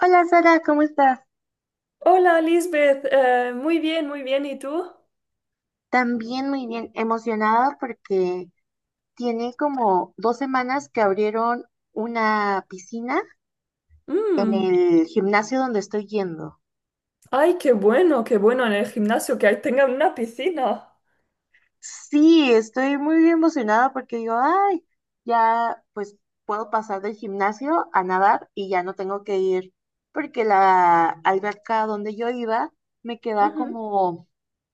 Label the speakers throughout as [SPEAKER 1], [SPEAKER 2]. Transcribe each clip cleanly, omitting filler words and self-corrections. [SPEAKER 1] Hola Sara, ¿cómo estás?
[SPEAKER 2] Hola, Lisbeth. Muy bien, muy bien. ¿Y tú?
[SPEAKER 1] También muy bien, emocionada porque tiene como 2 semanas que abrieron una piscina en
[SPEAKER 2] Mm,
[SPEAKER 1] el gimnasio donde estoy yendo.
[SPEAKER 2] Ay, qué bueno en el gimnasio que ahí tengan una piscina.
[SPEAKER 1] Sí, estoy muy emocionada porque digo, ay, ya pues puedo pasar del gimnasio a nadar y ya no tengo que ir porque la alberca donde yo iba me queda
[SPEAKER 2] Ujú.
[SPEAKER 1] como,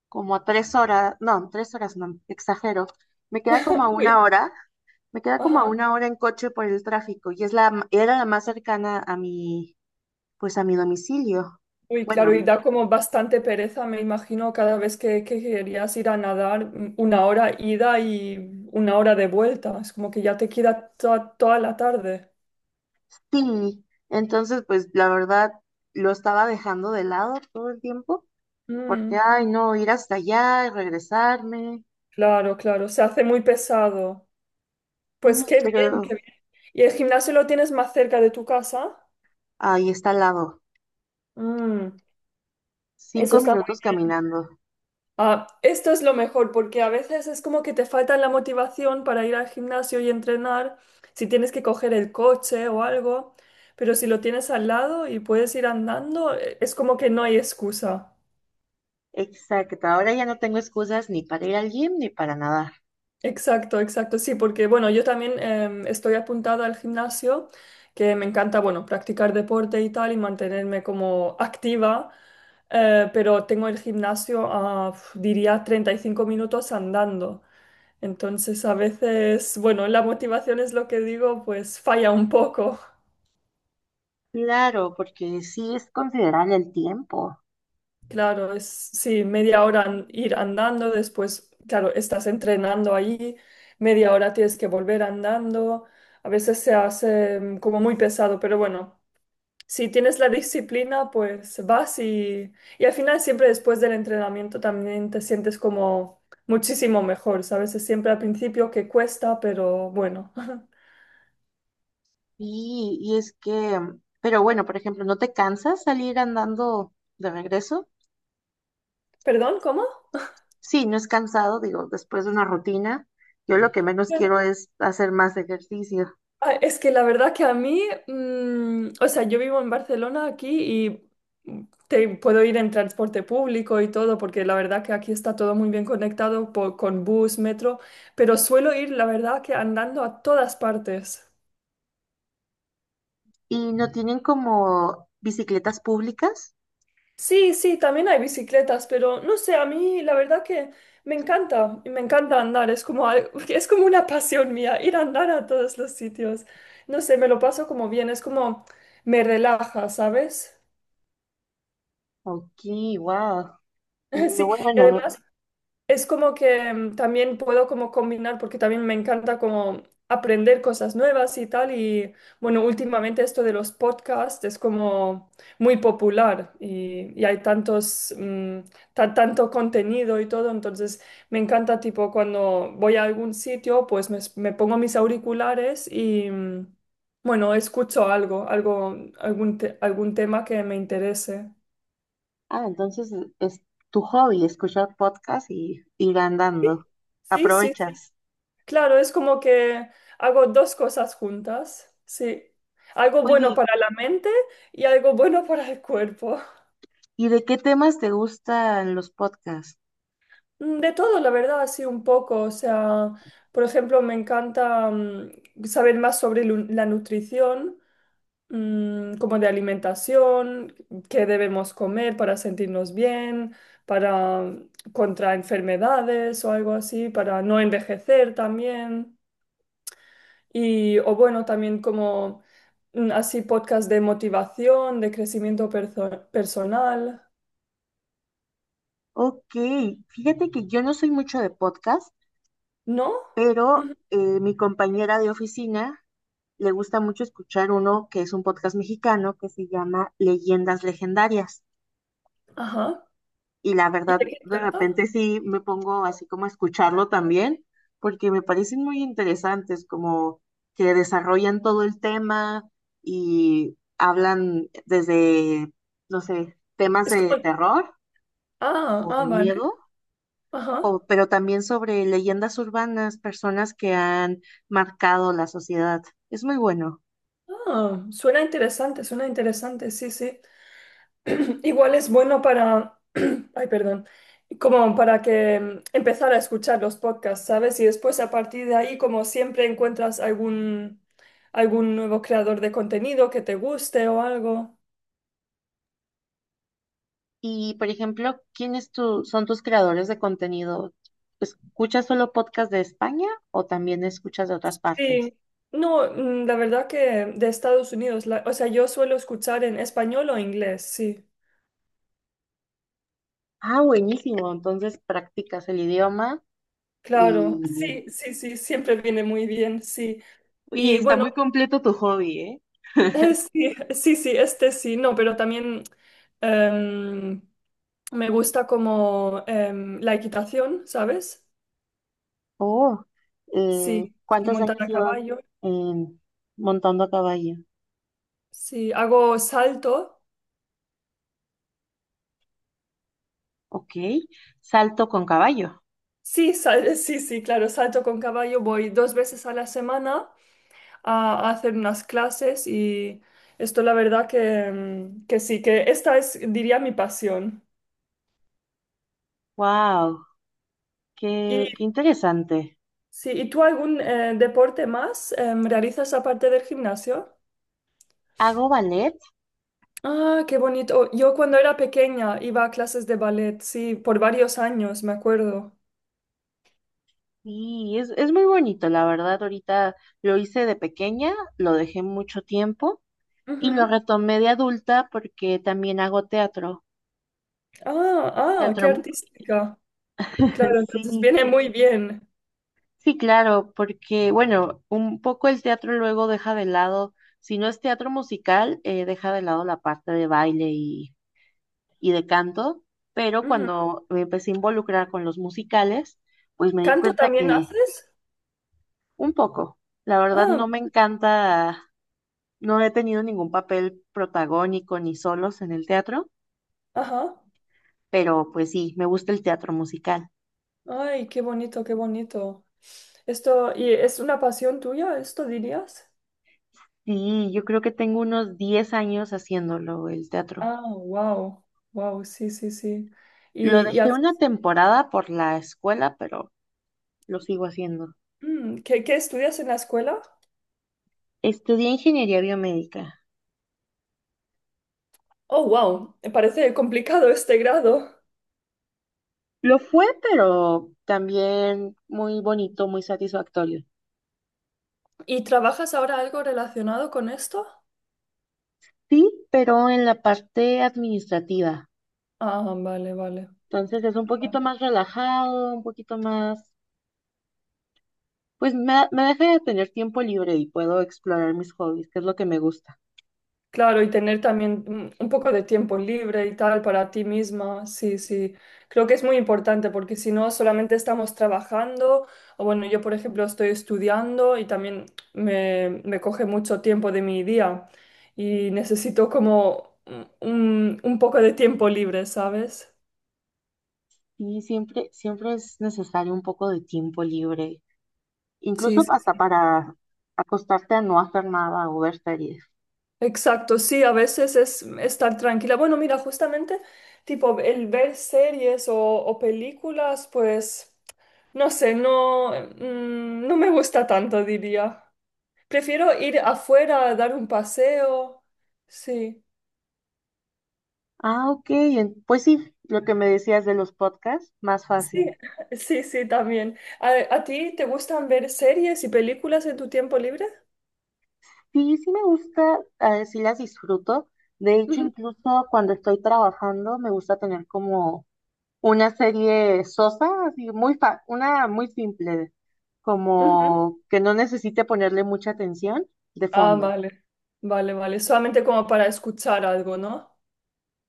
[SPEAKER 1] como a 3 horas, no, 3 horas no, exagero, me queda como a una
[SPEAKER 2] Uy,
[SPEAKER 1] hora. Me queda como a
[SPEAKER 2] ajá.
[SPEAKER 1] una hora en coche por el tráfico y es era la más cercana a mi, pues a mi domicilio.
[SPEAKER 2] Uy,
[SPEAKER 1] Bueno,
[SPEAKER 2] claro, y
[SPEAKER 1] y
[SPEAKER 2] da como bastante pereza, me imagino, cada vez que querías ir a nadar, una hora ida y una hora de vuelta. Es como que ya te queda toda la tarde.
[SPEAKER 1] sí, entonces pues la verdad lo estaba dejando de lado todo el tiempo porque,
[SPEAKER 2] Mm,
[SPEAKER 1] ay, no, ir hasta allá y regresarme,
[SPEAKER 2] Claro, claro, se hace muy pesado.
[SPEAKER 1] sí,
[SPEAKER 2] Pues qué bien,
[SPEAKER 1] pero
[SPEAKER 2] qué bien. ¿Y el gimnasio lo tienes más cerca de tu casa?
[SPEAKER 1] ahí está al lado,
[SPEAKER 2] Mm, Eso
[SPEAKER 1] cinco
[SPEAKER 2] está
[SPEAKER 1] minutos caminando.
[SPEAKER 2] Esto es lo mejor porque a veces es como que te falta la motivación para ir al gimnasio y entrenar, si tienes que coger el coche o algo, pero si lo tienes al lado y puedes ir andando, es como que no hay excusa.
[SPEAKER 1] Exacto, ahora ya no tengo excusas ni para ir al gym ni para nadar.
[SPEAKER 2] Exacto, exacto, sí, porque bueno, yo también estoy apuntada al gimnasio, que me encanta, bueno, practicar deporte y tal y mantenerme como activa, pero tengo el gimnasio a, uf, diría, 35 minutos andando. Entonces, a veces, bueno, la motivación es lo que digo, pues falla un poco.
[SPEAKER 1] Claro, porque sí es considerable el tiempo.
[SPEAKER 2] Claro, es sí, media hora ir andando, después, claro, estás entrenando ahí, media hora tienes que volver andando. A veces se hace como muy pesado, pero bueno, si tienes la disciplina, pues vas y al final siempre después del entrenamiento también te sientes como muchísimo mejor, ¿sabes? Es siempre al principio que cuesta, pero bueno.
[SPEAKER 1] Y es que, pero bueno, por ejemplo, ¿no te cansas salir andando de regreso?
[SPEAKER 2] ¿Perdón? ¿Cómo?
[SPEAKER 1] Sí, no es cansado, digo, después de una rutina, yo lo que menos quiero es hacer más ejercicio.
[SPEAKER 2] Ah, es que la verdad que a mí, o sea, yo vivo en Barcelona aquí y mm, te puedo ir en transporte público y todo, porque la verdad que aquí está todo muy bien conectado con bus, metro, pero suelo ir, la verdad que andando a todas partes.
[SPEAKER 1] ¿Y no tienen como bicicletas públicas?
[SPEAKER 2] Sí, sí, también hay bicicletas, pero no sé, a mí la verdad que me encanta andar, es como, es como una pasión mía, ir a andar a todos los sitios. No sé, me lo paso como bien, es como me relaja, ¿sabes?
[SPEAKER 1] Ok, wow. Y
[SPEAKER 2] Sí.
[SPEAKER 1] luego,
[SPEAKER 2] Y
[SPEAKER 1] bueno,
[SPEAKER 2] además es como que también puedo como combinar, porque también me encanta como aprender cosas nuevas y tal. Y bueno, últimamente esto de los podcasts es como muy popular y hay tantos, tanto contenido y todo. Entonces me encanta tipo cuando voy a algún sitio, pues me pongo mis auriculares y bueno, escucho algún tema que me interese.
[SPEAKER 1] ah, entonces es tu hobby, escuchar podcast y ir andando.
[SPEAKER 2] Sí, sí, sí.
[SPEAKER 1] Aprovechas.
[SPEAKER 2] Claro, es como que hago dos cosas juntas, sí. Algo bueno
[SPEAKER 1] Oye,
[SPEAKER 2] para la mente y algo bueno para el cuerpo.
[SPEAKER 1] ¿y de qué temas te gustan los podcasts?
[SPEAKER 2] De todo, la verdad, así un poco. O sea, por ejemplo, me encanta saber más sobre la nutrición, como de alimentación, qué debemos comer para sentirnos bien, para contra enfermedades o algo así, para no envejecer también. Y, o bueno, también como así podcast de motivación, de crecimiento personal,
[SPEAKER 1] Ok, fíjate que yo no soy mucho de podcast,
[SPEAKER 2] ¿no?
[SPEAKER 1] pero
[SPEAKER 2] Ujú.
[SPEAKER 1] mi compañera de oficina le gusta mucho escuchar uno que es un podcast mexicano que se llama Leyendas Legendarias.
[SPEAKER 2] Ajá.
[SPEAKER 1] Y la
[SPEAKER 2] ¿Y
[SPEAKER 1] verdad,
[SPEAKER 2] de qué
[SPEAKER 1] de
[SPEAKER 2] trata?
[SPEAKER 1] repente sí me pongo así como a escucharlo también, porque me parecen muy interesantes, como que desarrollan todo el tema y hablan desde, no sé, temas
[SPEAKER 2] Es
[SPEAKER 1] de
[SPEAKER 2] como...
[SPEAKER 1] terror
[SPEAKER 2] Ah,
[SPEAKER 1] o
[SPEAKER 2] ah,
[SPEAKER 1] de
[SPEAKER 2] vale.
[SPEAKER 1] miedo
[SPEAKER 2] Ajá.
[SPEAKER 1] pero también sobre leyendas urbanas, personas que han marcado la sociedad. Es muy bueno.
[SPEAKER 2] Ah, suena interesante, sí, sí. Igual es bueno para... Ay, perdón. Como para que empezar a escuchar los podcasts, ¿sabes? Y después a partir de ahí, como siempre, encuentras algún nuevo creador de contenido que te guste o algo.
[SPEAKER 1] Y, por ejemplo, ¿quiénes son tus creadores de contenido? ¿Escuchas solo podcast de España o también escuchas de otras partes?
[SPEAKER 2] Sí, no, la verdad que de Estados Unidos, o sea, yo suelo escuchar en español o inglés, sí,
[SPEAKER 1] Ah, buenísimo. Entonces practicas el idioma
[SPEAKER 2] claro,
[SPEAKER 1] y…
[SPEAKER 2] sí, sí, sí, siempre viene muy bien, sí.
[SPEAKER 1] Oye,
[SPEAKER 2] Y
[SPEAKER 1] está
[SPEAKER 2] bueno,
[SPEAKER 1] muy completo tu hobby, ¿eh?
[SPEAKER 2] sí, sí, sí, este sí, no, pero también em, me gusta como la equitación, ¿sabes?
[SPEAKER 1] Oh,
[SPEAKER 2] Sí, sí,
[SPEAKER 1] ¿cuántos
[SPEAKER 2] montar
[SPEAKER 1] años
[SPEAKER 2] a
[SPEAKER 1] llevas
[SPEAKER 2] caballo,
[SPEAKER 1] en montando a caballo?
[SPEAKER 2] sí, hago salto,
[SPEAKER 1] Ok, salto con caballo.
[SPEAKER 2] sí, sí, sí, claro, salto con caballo, voy dos veces a la semana. A hacer unas clases y esto la verdad que, que sí, que esta es, diría, mi pasión.
[SPEAKER 1] Wow.
[SPEAKER 2] Y,
[SPEAKER 1] Qué interesante.
[SPEAKER 2] sí, ¿y tú algún deporte más realizas aparte del gimnasio?
[SPEAKER 1] Hago ballet
[SPEAKER 2] Ah, qué bonito. Yo cuando era pequeña iba a clases de ballet, sí, por varios años, me acuerdo.
[SPEAKER 1] y es muy bonito, la verdad. Ahorita lo hice de pequeña, lo dejé mucho tiempo y lo
[SPEAKER 2] Ujú.
[SPEAKER 1] retomé de adulta porque también hago teatro.
[SPEAKER 2] Ah, ah, qué
[SPEAKER 1] Teatro,
[SPEAKER 2] artística. Claro, entonces
[SPEAKER 1] sí,
[SPEAKER 2] viene muy bien.
[SPEAKER 1] sí, claro, porque bueno, un poco el teatro luego deja de lado, si no es teatro musical, deja de lado la parte de baile y de canto, pero
[SPEAKER 2] Ujú.
[SPEAKER 1] cuando me empecé a involucrar con los musicales, pues me di
[SPEAKER 2] ¿Canto
[SPEAKER 1] cuenta
[SPEAKER 2] también
[SPEAKER 1] que.
[SPEAKER 2] haces?
[SPEAKER 1] Un poco. La verdad
[SPEAKER 2] Ah,
[SPEAKER 1] no me encanta, no he tenido ningún papel protagónico ni solos en el teatro,
[SPEAKER 2] ajá.
[SPEAKER 1] pero pues sí, me gusta el teatro musical.
[SPEAKER 2] Ay, qué bonito, qué bonito. Esto, ¿y es una pasión tuya, esto dirías?
[SPEAKER 1] Sí, yo creo que tengo unos 10 años haciéndolo, el teatro.
[SPEAKER 2] Ah, wow, wow, sí, sí, sí.
[SPEAKER 1] Lo
[SPEAKER 2] Y
[SPEAKER 1] dejé una temporada por la escuela, pero lo sigo haciendo.
[SPEAKER 2] qué, qué estudias en la escuela?
[SPEAKER 1] Estudié ingeniería biomédica.
[SPEAKER 2] Oh, wow, me parece complicado este grado.
[SPEAKER 1] Lo fue, pero también muy bonito, muy satisfactorio.
[SPEAKER 2] ¿Y trabajas ahora algo relacionado con esto?
[SPEAKER 1] Sí, pero en la parte administrativa.
[SPEAKER 2] Ah, vale, vale.
[SPEAKER 1] Entonces es un poquito más relajado, un poquito más, pues me deja de tener tiempo libre y puedo explorar mis hobbies, que es lo que me gusta.
[SPEAKER 2] Claro, y tener también un poco de tiempo libre y tal para ti misma, sí, sí. Creo que es muy importante porque si no, solamente estamos trabajando, o bueno, yo por ejemplo estoy estudiando y también me coge mucho tiempo de mi día y necesito como un poco de tiempo libre, ¿sabes?
[SPEAKER 1] Y siempre, siempre es necesario un poco de tiempo libre,
[SPEAKER 2] Sí,
[SPEAKER 1] incluso
[SPEAKER 2] sí,
[SPEAKER 1] hasta
[SPEAKER 2] sí.
[SPEAKER 1] para acostarte a no hacer nada o ver series.
[SPEAKER 2] Exacto, sí, a veces es estar tranquila. Bueno, mira, justamente tipo el ver series o películas, pues... No sé, no, no me gusta tanto, diría. Prefiero ir afuera a dar un paseo. Sí,
[SPEAKER 1] Ah, ok, pues sí, lo que me decías de los podcasts, más
[SPEAKER 2] sí,
[SPEAKER 1] fácil.
[SPEAKER 2] sí, sí, también. A ti te gustan ver series y películas en tu tiempo libre?
[SPEAKER 1] Sí, sí me gusta, sí las disfruto. De hecho,
[SPEAKER 2] Ujú,
[SPEAKER 1] incluso cuando estoy trabajando, me gusta tener como una serie sosa, así muy una muy simple,
[SPEAKER 2] ujú.
[SPEAKER 1] como que no necesite ponerle mucha atención de
[SPEAKER 2] Ah,
[SPEAKER 1] fondo.
[SPEAKER 2] vale, vale, vale. Solamente como para escuchar algo, ¿no?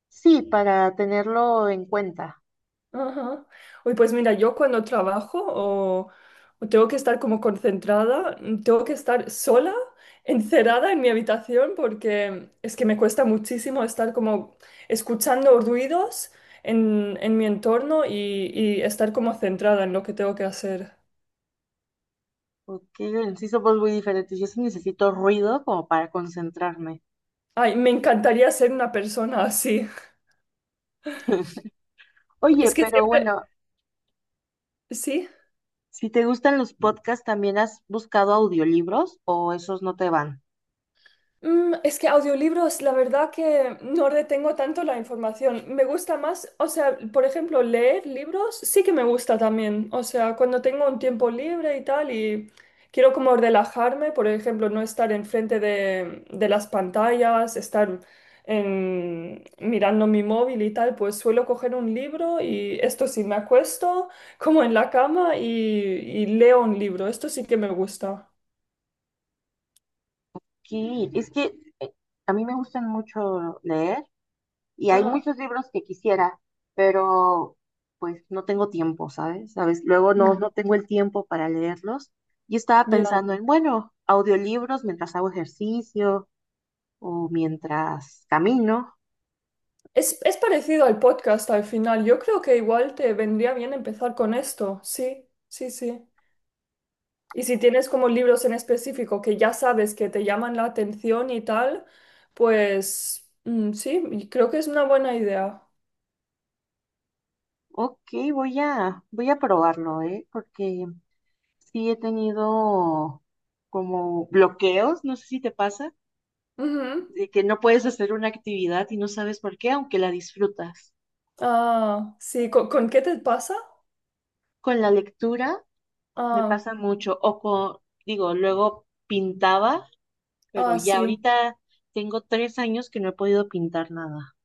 [SPEAKER 1] Sí, para tenerlo en cuenta,
[SPEAKER 2] Ajá. Uy, pues mira, yo cuando trabajo o tengo que estar como concentrada, tengo que estar sola, encerrada en mi habitación porque es que me cuesta muchísimo estar como escuchando ruidos en mi entorno y estar como centrada en lo que tengo que hacer.
[SPEAKER 1] porque sí somos muy diferentes. Yo sí necesito ruido como para concentrarme.
[SPEAKER 2] Ay, me encantaría ser una persona así.
[SPEAKER 1] Oye,
[SPEAKER 2] Es que
[SPEAKER 1] pero
[SPEAKER 2] siempre,
[SPEAKER 1] bueno,
[SPEAKER 2] sí.
[SPEAKER 1] si te gustan los podcasts, ¿también has buscado audiolibros o esos no te van?
[SPEAKER 2] Es que audiolibros, la verdad que no retengo tanto la información. Me gusta más, o sea, por ejemplo, leer libros sí que me gusta también. O sea, cuando tengo un tiempo libre y tal y quiero como relajarme, por ejemplo, no estar enfrente de las pantallas, estar mirando mi móvil y tal, pues suelo coger un libro y esto sí, me acuesto como en la cama y leo un libro. Esto sí que me gusta.
[SPEAKER 1] Sí, es que eh, a mí me gustan mucho leer. Y hay
[SPEAKER 2] Ajá.
[SPEAKER 1] muchos libros que quisiera, pero pues no tengo tiempo, ¿sabes? ¿Sabes? Luego no, no
[SPEAKER 2] Mm.
[SPEAKER 1] tengo el tiempo para leerlos. Y estaba
[SPEAKER 2] Ya.
[SPEAKER 1] pensando en, bueno, audiolibros mientras hago ejercicio o mientras camino.
[SPEAKER 2] Es parecido al podcast al final. Yo creo que igual te vendría bien empezar con esto. Sí, sí, sí. Y si tienes como libros en específico que ya sabes que te llaman la atención y tal, pues sí, y creo que es una buena idea.
[SPEAKER 1] Ok, voy a probarlo, ¿eh? Porque sí he tenido como bloqueos, no sé si te pasa,
[SPEAKER 2] Ujú.
[SPEAKER 1] de que no puedes hacer una actividad y no sabes por qué, aunque la disfrutas.
[SPEAKER 2] Ah, sí, con qué te pasa?
[SPEAKER 1] Con la lectura. Me
[SPEAKER 2] Ah,
[SPEAKER 1] pasa mucho. O con, digo, luego pintaba, pero
[SPEAKER 2] ah,
[SPEAKER 1] ya
[SPEAKER 2] sí.
[SPEAKER 1] ahorita tengo 3 años que no he podido pintar nada.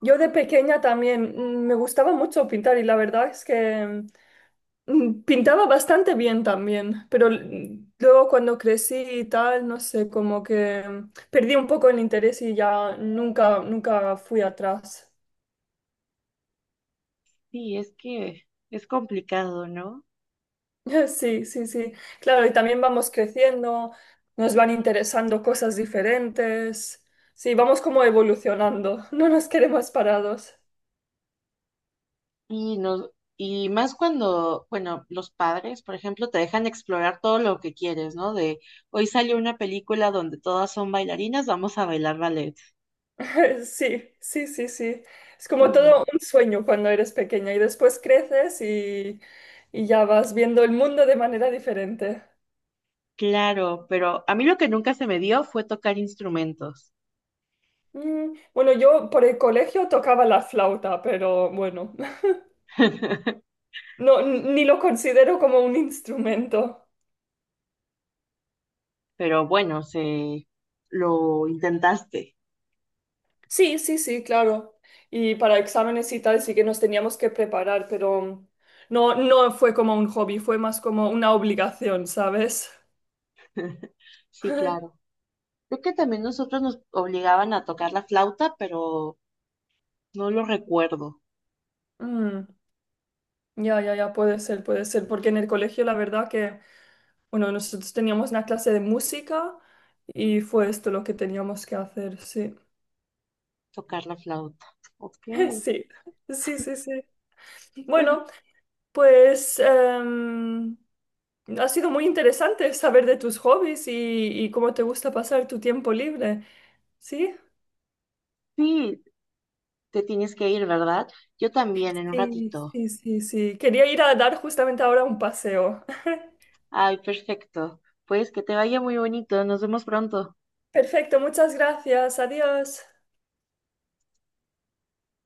[SPEAKER 2] Yo de pequeña también me gustaba mucho pintar y la verdad es que pintaba bastante bien también, pero luego cuando crecí y tal, no sé, como que perdí un poco el interés y ya nunca, nunca fui atrás.
[SPEAKER 1] Sí, es que es complicado, ¿no?
[SPEAKER 2] Sí, sí, sí. Claro, y también vamos creciendo, nos van interesando cosas diferentes. Sí, vamos como evolucionando, no nos quedemos parados.
[SPEAKER 1] Y no, y más cuando, bueno, los padres, por ejemplo, te dejan explorar todo lo que quieres, ¿no? De hoy salió una película donde todas son bailarinas, vamos a bailar ballet.
[SPEAKER 2] Sí, sí, sí, sí. Es
[SPEAKER 1] Es
[SPEAKER 2] como todo
[SPEAKER 1] como,
[SPEAKER 2] un sueño cuando eres pequeña y después creces y ya vas viendo el mundo de manera diferente.
[SPEAKER 1] claro, pero a mí lo que nunca se me dio fue tocar instrumentos.
[SPEAKER 2] Bueno, yo por el colegio tocaba la flauta, pero bueno, no, ni lo considero como un instrumento.
[SPEAKER 1] Pero bueno, se lo intentaste.
[SPEAKER 2] Sí, sí, sí, claro. Y para exámenes y tal sí que nos teníamos que preparar, pero no, no fue como un hobby, fue más como una obligación, ¿sabes?
[SPEAKER 1] Sí, claro. Creo que también nosotros nos obligaban a tocar la flauta, pero no lo recuerdo,
[SPEAKER 2] Mm. Ya, ya, ya, puede ser, porque en el colegio la verdad que, bueno, nosotros teníamos una clase de música y fue esto lo que teníamos que hacer, sí.
[SPEAKER 1] tocar la flauta. Ok.
[SPEAKER 2] Sí, sí, sí, sí.
[SPEAKER 1] Oye,
[SPEAKER 2] Bueno, pues ha sido muy interesante saber de tus hobbies y cómo te gusta pasar tu tiempo libre, ¿sí?
[SPEAKER 1] sí, te tienes que ir, ¿verdad? Yo también, en un
[SPEAKER 2] Sí,
[SPEAKER 1] ratito.
[SPEAKER 2] sí, sí, sí. Quería ir a dar justamente ahora un paseo.
[SPEAKER 1] Ay, perfecto. Pues que te vaya muy bonito. Nos vemos pronto.
[SPEAKER 2] Perfecto, muchas gracias, adiós.